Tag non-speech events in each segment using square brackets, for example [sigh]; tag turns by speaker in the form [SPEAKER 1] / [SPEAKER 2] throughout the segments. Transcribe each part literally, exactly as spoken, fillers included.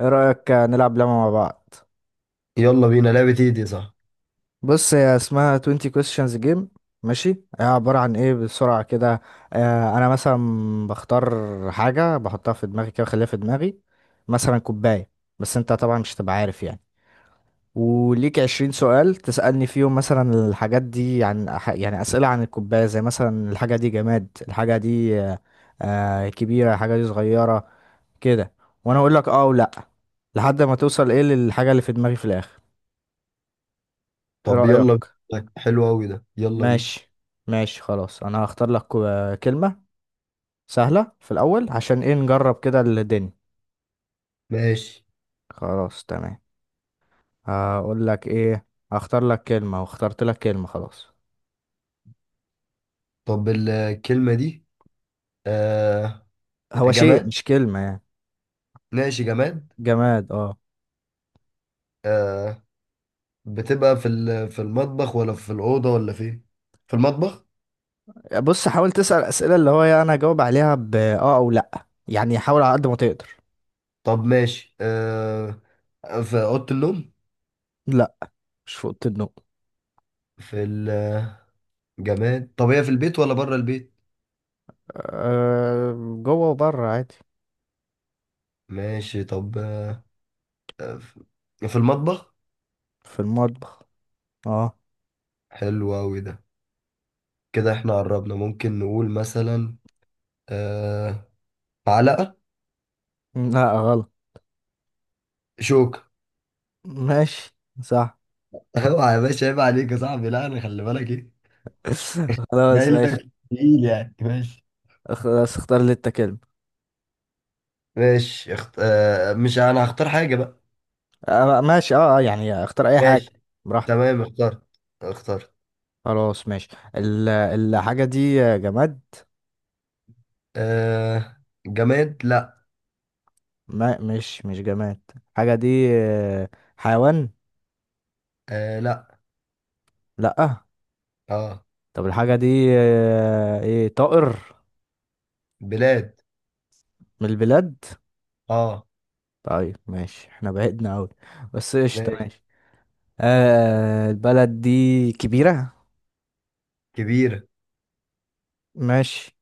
[SPEAKER 1] ايه رأيك نلعب لعبة مع بعض.
[SPEAKER 2] يلا بينا. لعبة ايه دي؟ صح.
[SPEAKER 1] بص هي اسمها عشرين questions game. ماشي هي عبارة عن ايه بسرعة كده. آه انا مثلا بختار حاجة بحطها في دماغي كده بخليها في دماغي، مثلا كوباية. بس انت طبعا مش هتبقى عارف يعني. وليك عشرين سؤال تسألني فيهم، مثلا الحاجات دي عن أح- يعني أسئلة عن الكوباية، زي مثلا الحاجة دي جماد، الحاجة دي آه آه، كبيرة، الحاجة دي صغيرة، كده. وانا اقول لك اه ولا، لحد ما توصل ايه للحاجة اللي في دماغي في الآخر. ايه
[SPEAKER 2] طب يلا
[SPEAKER 1] رأيك؟
[SPEAKER 2] بينا. حلو أوي ده، يلا بينا.
[SPEAKER 1] ماشي. ماشي خلاص، انا هختار لك كو- كلمة سهلة في الاول عشان ايه نجرب كده الدنيا.
[SPEAKER 2] ماشي.
[SPEAKER 1] خلاص تمام. هقول لك ايه، هختار لك كلمة. واخترت لك كلمة خلاص.
[SPEAKER 2] طب الكلمة دي. آه.
[SPEAKER 1] هو شيء
[SPEAKER 2] جماد؟
[SPEAKER 1] مش كلمة يعني.
[SPEAKER 2] ماشي، جماد.
[SPEAKER 1] جماد اه.
[SPEAKER 2] آه، بتبقى في ال- في المطبخ ولا في الأوضة ولا فين؟ في المطبخ.
[SPEAKER 1] بص حاول تسأل اسئلة اللي هو يعني انا اجاوب عليها ب اه او لا، يعني حاول على قد ما تقدر.
[SPEAKER 2] طب ماشي. آه. في أوضة النوم؟
[SPEAKER 1] لا، مش في اوضه النوم.
[SPEAKER 2] في الجماد، طب هي في البيت ولا بره البيت؟
[SPEAKER 1] أه، جوه وبره عادي.
[SPEAKER 2] ماشي. طب، آه، في المطبخ؟
[SPEAKER 1] في المطبخ اه.
[SPEAKER 2] حلو أوي ده، كده احنا قربنا. ممكن نقول مثلا آه معلقة؟
[SPEAKER 1] لا غلط.
[SPEAKER 2] شوكة؟
[SPEAKER 1] ماشي. صح.
[SPEAKER 2] اوعى يا باشا، عيب عليك يا صاحبي. لا، انا خلي بالك ايه.
[SPEAKER 1] [laughs] خلاص
[SPEAKER 2] جاي
[SPEAKER 1] ماشي.
[SPEAKER 2] لك تقيل يعني، ماشي.
[SPEAKER 1] خلاص اختار اللي انت كلمة.
[SPEAKER 2] ماشي، اخت... آه مش انا هختار حاجة بقى.
[SPEAKER 1] آه ماشي اه، آه، يعني اختار اي حاجة
[SPEAKER 2] ماشي
[SPEAKER 1] براحتك.
[SPEAKER 2] تمام. اخترت، اخترت.
[SPEAKER 1] خلاص ماشي. ال- الحاجة دي جماد.
[SPEAKER 2] آه، جماد؟ لا.
[SPEAKER 1] ما مش مش جماد. الحاجة دي، آه، حيوان.
[SPEAKER 2] آه، لا.
[SPEAKER 1] لأ.
[SPEAKER 2] اه،
[SPEAKER 1] طب الحاجة دي، آه، ايه طائر؟
[SPEAKER 2] بلاد.
[SPEAKER 1] من البلاد.
[SPEAKER 2] اه،
[SPEAKER 1] طيب ماشي، احنا بعدنا اوي بس قشطة
[SPEAKER 2] ماشي،
[SPEAKER 1] ماشي. آه البلد دي كبيرة.
[SPEAKER 2] كبيرة.
[SPEAKER 1] ماشي.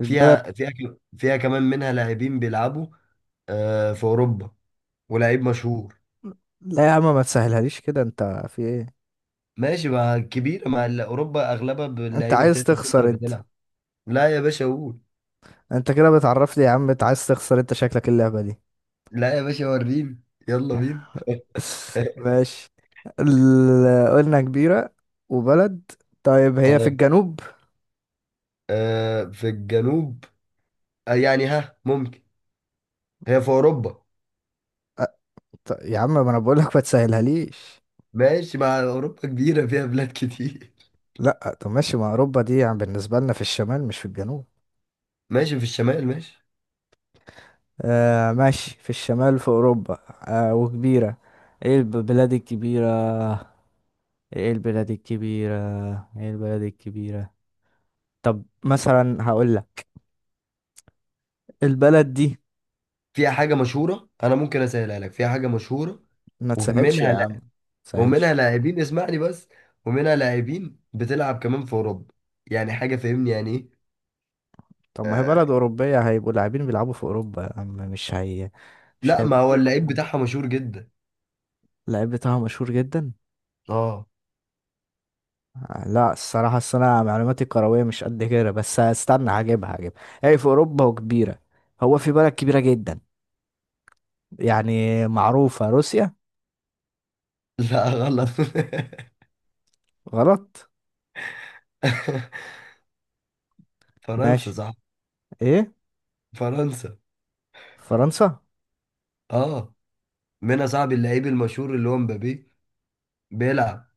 [SPEAKER 1] البلد.
[SPEAKER 2] فيها فيها ك- فيها كمان منها لاعبين بيلعبوا. آه، في اوروبا. ولاعيب مشهور.
[SPEAKER 1] لا يا عم ما تسهلهاليش كده انت. في ايه؟
[SPEAKER 2] ماشي مع كبيرة، مع ال- اوروبا اغلبها
[SPEAKER 1] انت
[SPEAKER 2] باللعيبة
[SPEAKER 1] عايز
[SPEAKER 2] بتاعت الفوتبول
[SPEAKER 1] تخسر
[SPEAKER 2] اللي
[SPEAKER 1] انت؟
[SPEAKER 2] بتلعب. لا يا باشا، قول.
[SPEAKER 1] انت كده بتعرفني يا عم، انت عايز تخسر انت شكلك اللعبة دي.
[SPEAKER 2] لا يا باشا، وريني. يلا بينا.
[SPEAKER 1] [laughs]
[SPEAKER 2] اه.
[SPEAKER 1] ماشي. ال- قلنا كبيرة وبلد. طيب هي في
[SPEAKER 2] آه،
[SPEAKER 1] الجنوب؟
[SPEAKER 2] آه، في الجنوب. آه، يعني ها ممكن. هي في اوروبا؟
[SPEAKER 1] أ- ط- يا عم ما انا بقول لك ما تسهلها ليش.
[SPEAKER 2] ماشي، مع اوروبا كبيره فيها بلاد كتير.
[SPEAKER 1] لا طب ماشي، ما اوروبا دي يعني بالنسبة لنا في الشمال مش في الجنوب.
[SPEAKER 2] [laughs] ماشي، في الشمال، ماشي.
[SPEAKER 1] آه ماشي في الشمال في اوروبا. آه وكبيرة. ايه البلاد الكبيرة؟ ايه البلاد الكبيرة ايه البلاد الكبيرة طب مثلا هقول لك البلد دي.
[SPEAKER 2] فيها حاجه مشهوره، انا ممكن اسهلها لك، فيها حاجه مشهوره.
[SPEAKER 1] ما تسهلش
[SPEAKER 2] ومنها،
[SPEAKER 1] يا عم، ما
[SPEAKER 2] لا، ومنها
[SPEAKER 1] تسهلش
[SPEAKER 2] لاعبين، اسمعني بس. ومنها لاعبين بتلعب كمان في اوروبا. يعني حاجه فاهمني يعني ايه.
[SPEAKER 1] طب ما هي
[SPEAKER 2] آه،
[SPEAKER 1] بلد أوروبية، هيبقوا لاعبين بيلعبوا في أوروبا يا عم مش هي؟ مش
[SPEAKER 2] لا، ما هو
[SPEAKER 1] هيلعبوا
[SPEAKER 2] اللعيب بتاعها مشهور جدا.
[SPEAKER 1] اللعيب بتاعهم مشهور جدا.
[SPEAKER 2] اه.
[SPEAKER 1] آه، لا الصراحة أصل أنا معلوماتي الكروية مش قد كده، بس استنى هجيبها هجيبها هي في أوروبا وكبيرة. هو في بلد كبيرة جدا يعني معروفة، روسيا.
[SPEAKER 2] لا غلط. [laughs]
[SPEAKER 1] غلط.
[SPEAKER 2] فرنسا،
[SPEAKER 1] ماشي.
[SPEAKER 2] صح؟
[SPEAKER 1] إيه؟
[SPEAKER 2] فرنسا.
[SPEAKER 1] فرنسا.
[SPEAKER 2] اه، منها صاحب اللعيب المشهور اللي هو مبابي، بيلعب.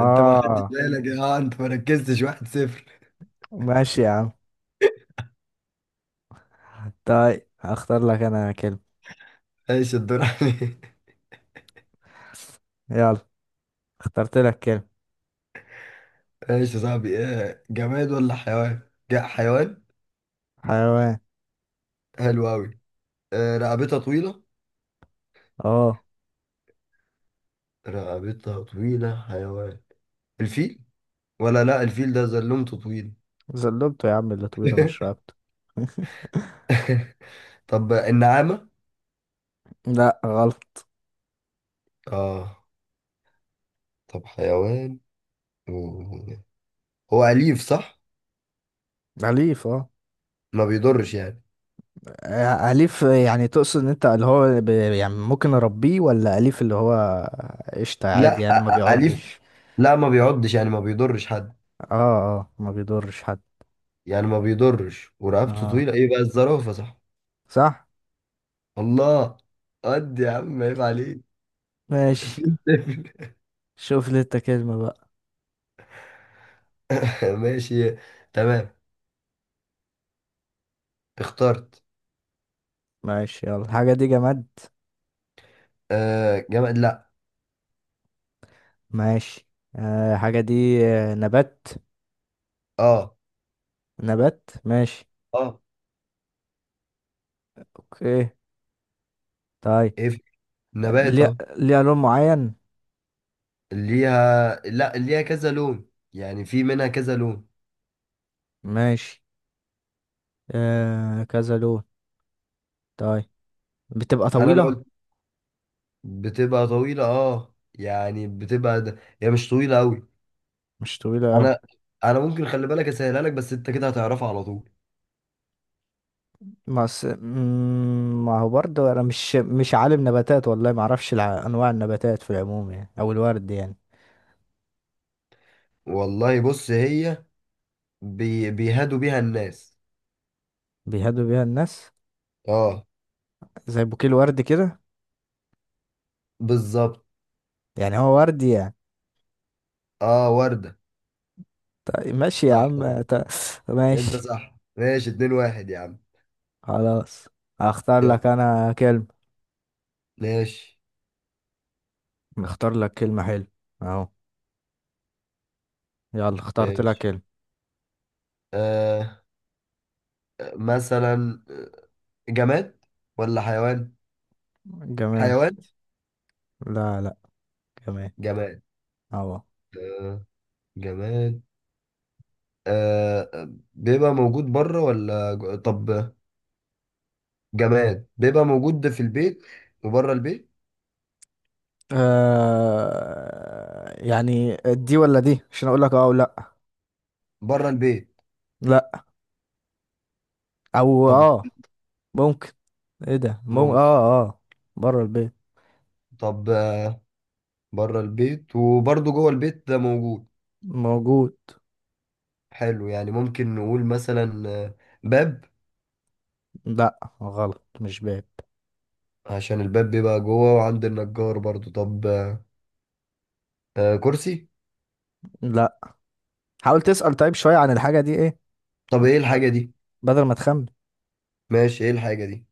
[SPEAKER 2] انت ما خدتش بالك. اه، انت ما ركزتش. واحد صفر.
[SPEAKER 1] ماشي يا عم. طيب هختار لك أنا كلمة.
[SPEAKER 2] ايش؟ الدور عليك.
[SPEAKER 1] يلا، اخترت لك كلمة.
[SPEAKER 2] [laughs] ايش يا صاحبي؟ ايه، جماد ولا حيوان؟ جاء حيوان.
[SPEAKER 1] حيوان
[SPEAKER 2] حلو قوي. اه. رقبتها طويلة؟
[SPEAKER 1] اه.
[SPEAKER 2] رقبتها طويلة، حيوان. الفيل؟ ولا، لا، الفيل ده زلمته طويل.
[SPEAKER 1] زلبته يا عم اللي طويلة مش
[SPEAKER 2] [laughs]
[SPEAKER 1] رابطة. [laughs]
[SPEAKER 2] طب النعامة؟
[SPEAKER 1] لا غلط.
[SPEAKER 2] اه. طب حيوان، و- هو أليف، صح؟
[SPEAKER 1] أليف اه.
[SPEAKER 2] ما بيضرش يعني؟
[SPEAKER 1] آه، أليف يعني تقصد ان انت اللي هو ب... يعني ممكن اربيه؟ ولا أليف اللي هو قشطة
[SPEAKER 2] لا،
[SPEAKER 1] عادي يعني ما
[SPEAKER 2] أ- أ- أليف.
[SPEAKER 1] بيعضش.
[SPEAKER 2] لا، ما بيعضش يعني ما بيضرش حد.
[SPEAKER 1] اه. اه ما بيضرش حد.
[SPEAKER 2] يعني ما بيضرش ورقبته
[SPEAKER 1] اه
[SPEAKER 2] طويلة. ايه بقى؟ الزرافة، صح؟
[SPEAKER 1] صح.
[SPEAKER 2] الله. قد يا عم، عيب عليك.
[SPEAKER 1] ماشي.
[SPEAKER 2] [laughs]
[SPEAKER 1] شوف لي انت كلمة بقى.
[SPEAKER 2] ماشي تمام. اخترت.
[SPEAKER 1] ماشي يلا. الحاجة دي جماد.
[SPEAKER 2] آه، جماد؟ لا.
[SPEAKER 1] ماشي. آه الحاجة دي، آه، نبات.
[SPEAKER 2] اه،
[SPEAKER 1] نبات ماشي.
[SPEAKER 2] اه،
[SPEAKER 1] اوكي طيب.
[SPEAKER 2] ايه؟ في- نبات؟
[SPEAKER 1] ليها
[SPEAKER 2] اه.
[SPEAKER 1] ليها لون معين؟
[SPEAKER 2] ليها؟ لا، ليها كذا لون، يعني في منها كذا لون.
[SPEAKER 1] ماشي. آه كذا لون. طيب بتبقى
[SPEAKER 2] انا لو
[SPEAKER 1] طويلة؟
[SPEAKER 2] قلت بتبقى طويلة، اه يعني بتبقى د- هي مش طويلة قوي.
[SPEAKER 1] مش طويلة أوي.
[SPEAKER 2] انا انا ممكن خلي بالك اسهلها لك، بس انت كده هتعرفها على طول.
[SPEAKER 1] بس مم، ما هو برضه انا مش مش عالم نباتات، والله ما اعرفش الع- انواع النباتات في العموم يعني، او الورد يعني.
[SPEAKER 2] والله بص، هي بي... بيهادوا بيها الناس.
[SPEAKER 1] بيهدوا بيها الناس
[SPEAKER 2] اه،
[SPEAKER 1] زي بوكيه الورد كده.
[SPEAKER 2] بالظبط.
[SPEAKER 1] يعني هو ورد يعني.
[SPEAKER 2] اه، وردة.
[SPEAKER 1] طيب ماشي يا
[SPEAKER 2] صح،
[SPEAKER 1] عم
[SPEAKER 2] صح.
[SPEAKER 1] ط-
[SPEAKER 2] انت
[SPEAKER 1] ماشي
[SPEAKER 2] صح، ماشي، اتنين واحد، يا عم.
[SPEAKER 1] خلاص. هختار
[SPEAKER 2] يلا.
[SPEAKER 1] لك انا كلمة.
[SPEAKER 2] ماشي،
[SPEAKER 1] اختار لك كلمة حلوة اهو. يلا اخترت لك
[SPEAKER 2] ماشي.
[SPEAKER 1] كلمة.
[SPEAKER 2] آه، مثلا جماد ولا حيوان؟
[SPEAKER 1] جمال.
[SPEAKER 2] حيوان؟
[SPEAKER 1] لا لا جمال.
[SPEAKER 2] جماد؟
[SPEAKER 1] اهو.
[SPEAKER 2] آه، جماد. آه، بيبقى موجود بره ولا جو- طب، جماد بيبقى موجود في البيت وبره البيت؟
[SPEAKER 1] آه يعني دي ولا دي عشان اقول لك اه ولا.
[SPEAKER 2] بره البيت.
[SPEAKER 1] لا. او
[SPEAKER 2] طب،
[SPEAKER 1] اه ممكن. ايه ده مم...
[SPEAKER 2] ممكن.
[SPEAKER 1] اه اه بره البيت.
[SPEAKER 2] طب، بره البيت وبرضه جوه البيت ده موجود.
[SPEAKER 1] موجود.
[SPEAKER 2] حلو، يعني ممكن نقول مثلا آه، باب؟
[SPEAKER 1] لا غلط مش باب.
[SPEAKER 2] عشان الباب بيبقى جوه وعند النجار برضو. طب، آه كرسي؟
[SPEAKER 1] لا. حاول تسأل طيب شوية عن الحاجة دي ايه،
[SPEAKER 2] طب ايه الحاجة دي؟
[SPEAKER 1] بدل ما تخمن.
[SPEAKER 2] ماشي، ايه الحاجة دي؟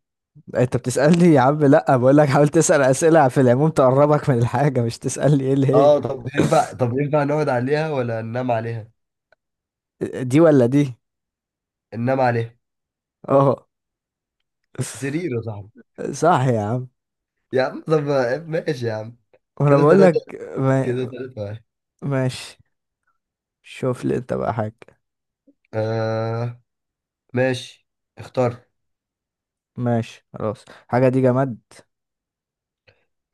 [SPEAKER 1] انت بتسألني يا عم؟ لا بقول لك حاول تسأل أسئلة في العموم تقربك من الحاجة، مش تسألني ايه اللي هي.
[SPEAKER 2] اه، طب ينفع طب ينفع نقعد عليها ولا ننام عليها؟
[SPEAKER 1] دي ولا دي.
[SPEAKER 2] ننام عليها.
[SPEAKER 1] اه.
[SPEAKER 2] سرير، يا صاحبي.
[SPEAKER 1] [laughs] صح يا عم.
[SPEAKER 2] يا عم طب، آه، ماشي يا عم.
[SPEAKER 1] وانا
[SPEAKER 2] كده
[SPEAKER 1] بقول لك
[SPEAKER 2] ثلاثة
[SPEAKER 1] ما...
[SPEAKER 2] كده ثلاثة واحد.
[SPEAKER 1] ماشي. شوف لي انت بقى حاجة.
[SPEAKER 2] آه، ماشي، اختار.
[SPEAKER 1] ماشي خلاص. حاجة دي جماد.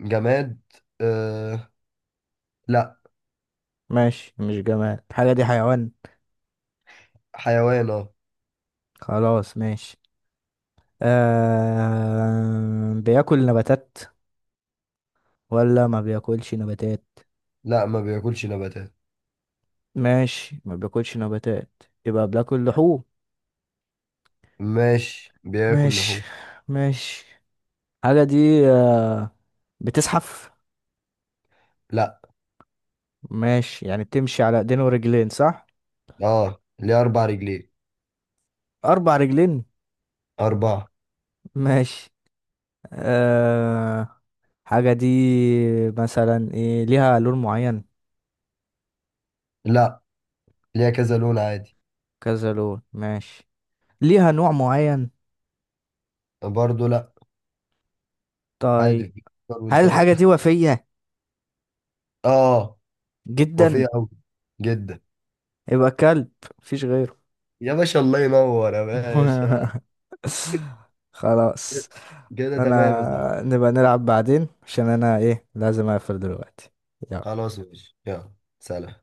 [SPEAKER 2] جماد؟ آه، لا.
[SPEAKER 1] ماشي مش جماد. الحاجة دي حيوان.
[SPEAKER 2] حيوان، اه.
[SPEAKER 1] خلاص ماشي. آه بياكل نباتات ولا ما بياكلش نباتات؟
[SPEAKER 2] لا، ما بياكلش نباتات.
[SPEAKER 1] ماشي ما بياكلش نباتات، يبقى بياكل لحوم.
[SPEAKER 2] ماشي، بياكل
[SPEAKER 1] ماشي.
[SPEAKER 2] لحوم.
[SPEAKER 1] ماشي. الحاجة دي آه بتزحف؟
[SPEAKER 2] لا.
[SPEAKER 1] ماشي، يعني بتمشي على ايدين ورجلين صح؟
[SPEAKER 2] اه، ليه اربع رجلين.
[SPEAKER 1] اربع رجلين.
[SPEAKER 2] اربعة.
[SPEAKER 1] ماشي. آه حاجة دي مثلا ايه، ليها لون معين؟
[SPEAKER 2] لا، ليها كذا لون عادي.
[SPEAKER 1] كذا لون ماشي. ليها نوع معين؟
[SPEAKER 2] برضه لا.
[SPEAKER 1] طيب.
[SPEAKER 2] عادي. في فطار، وانت
[SPEAKER 1] هل
[SPEAKER 2] ايه؟
[SPEAKER 1] الحاجة دي وفية؟
[SPEAKER 2] [laughs] اه،
[SPEAKER 1] جدا؟
[SPEAKER 2] وفيه قوي جدا.
[SPEAKER 1] يبقى كلب، مفيش غيره.
[SPEAKER 2] يا باشا، الله ينور يا باشا.
[SPEAKER 1] [laughs]
[SPEAKER 2] كده،
[SPEAKER 1] خلاص.
[SPEAKER 2] كده تمام يا صاحبي.
[SPEAKER 1] انا نبقى نلعب بعدين عشان انا ايه لازم اقفل دلوقتي. يلا.
[SPEAKER 2] خلاص ماشي، يلا، سلام.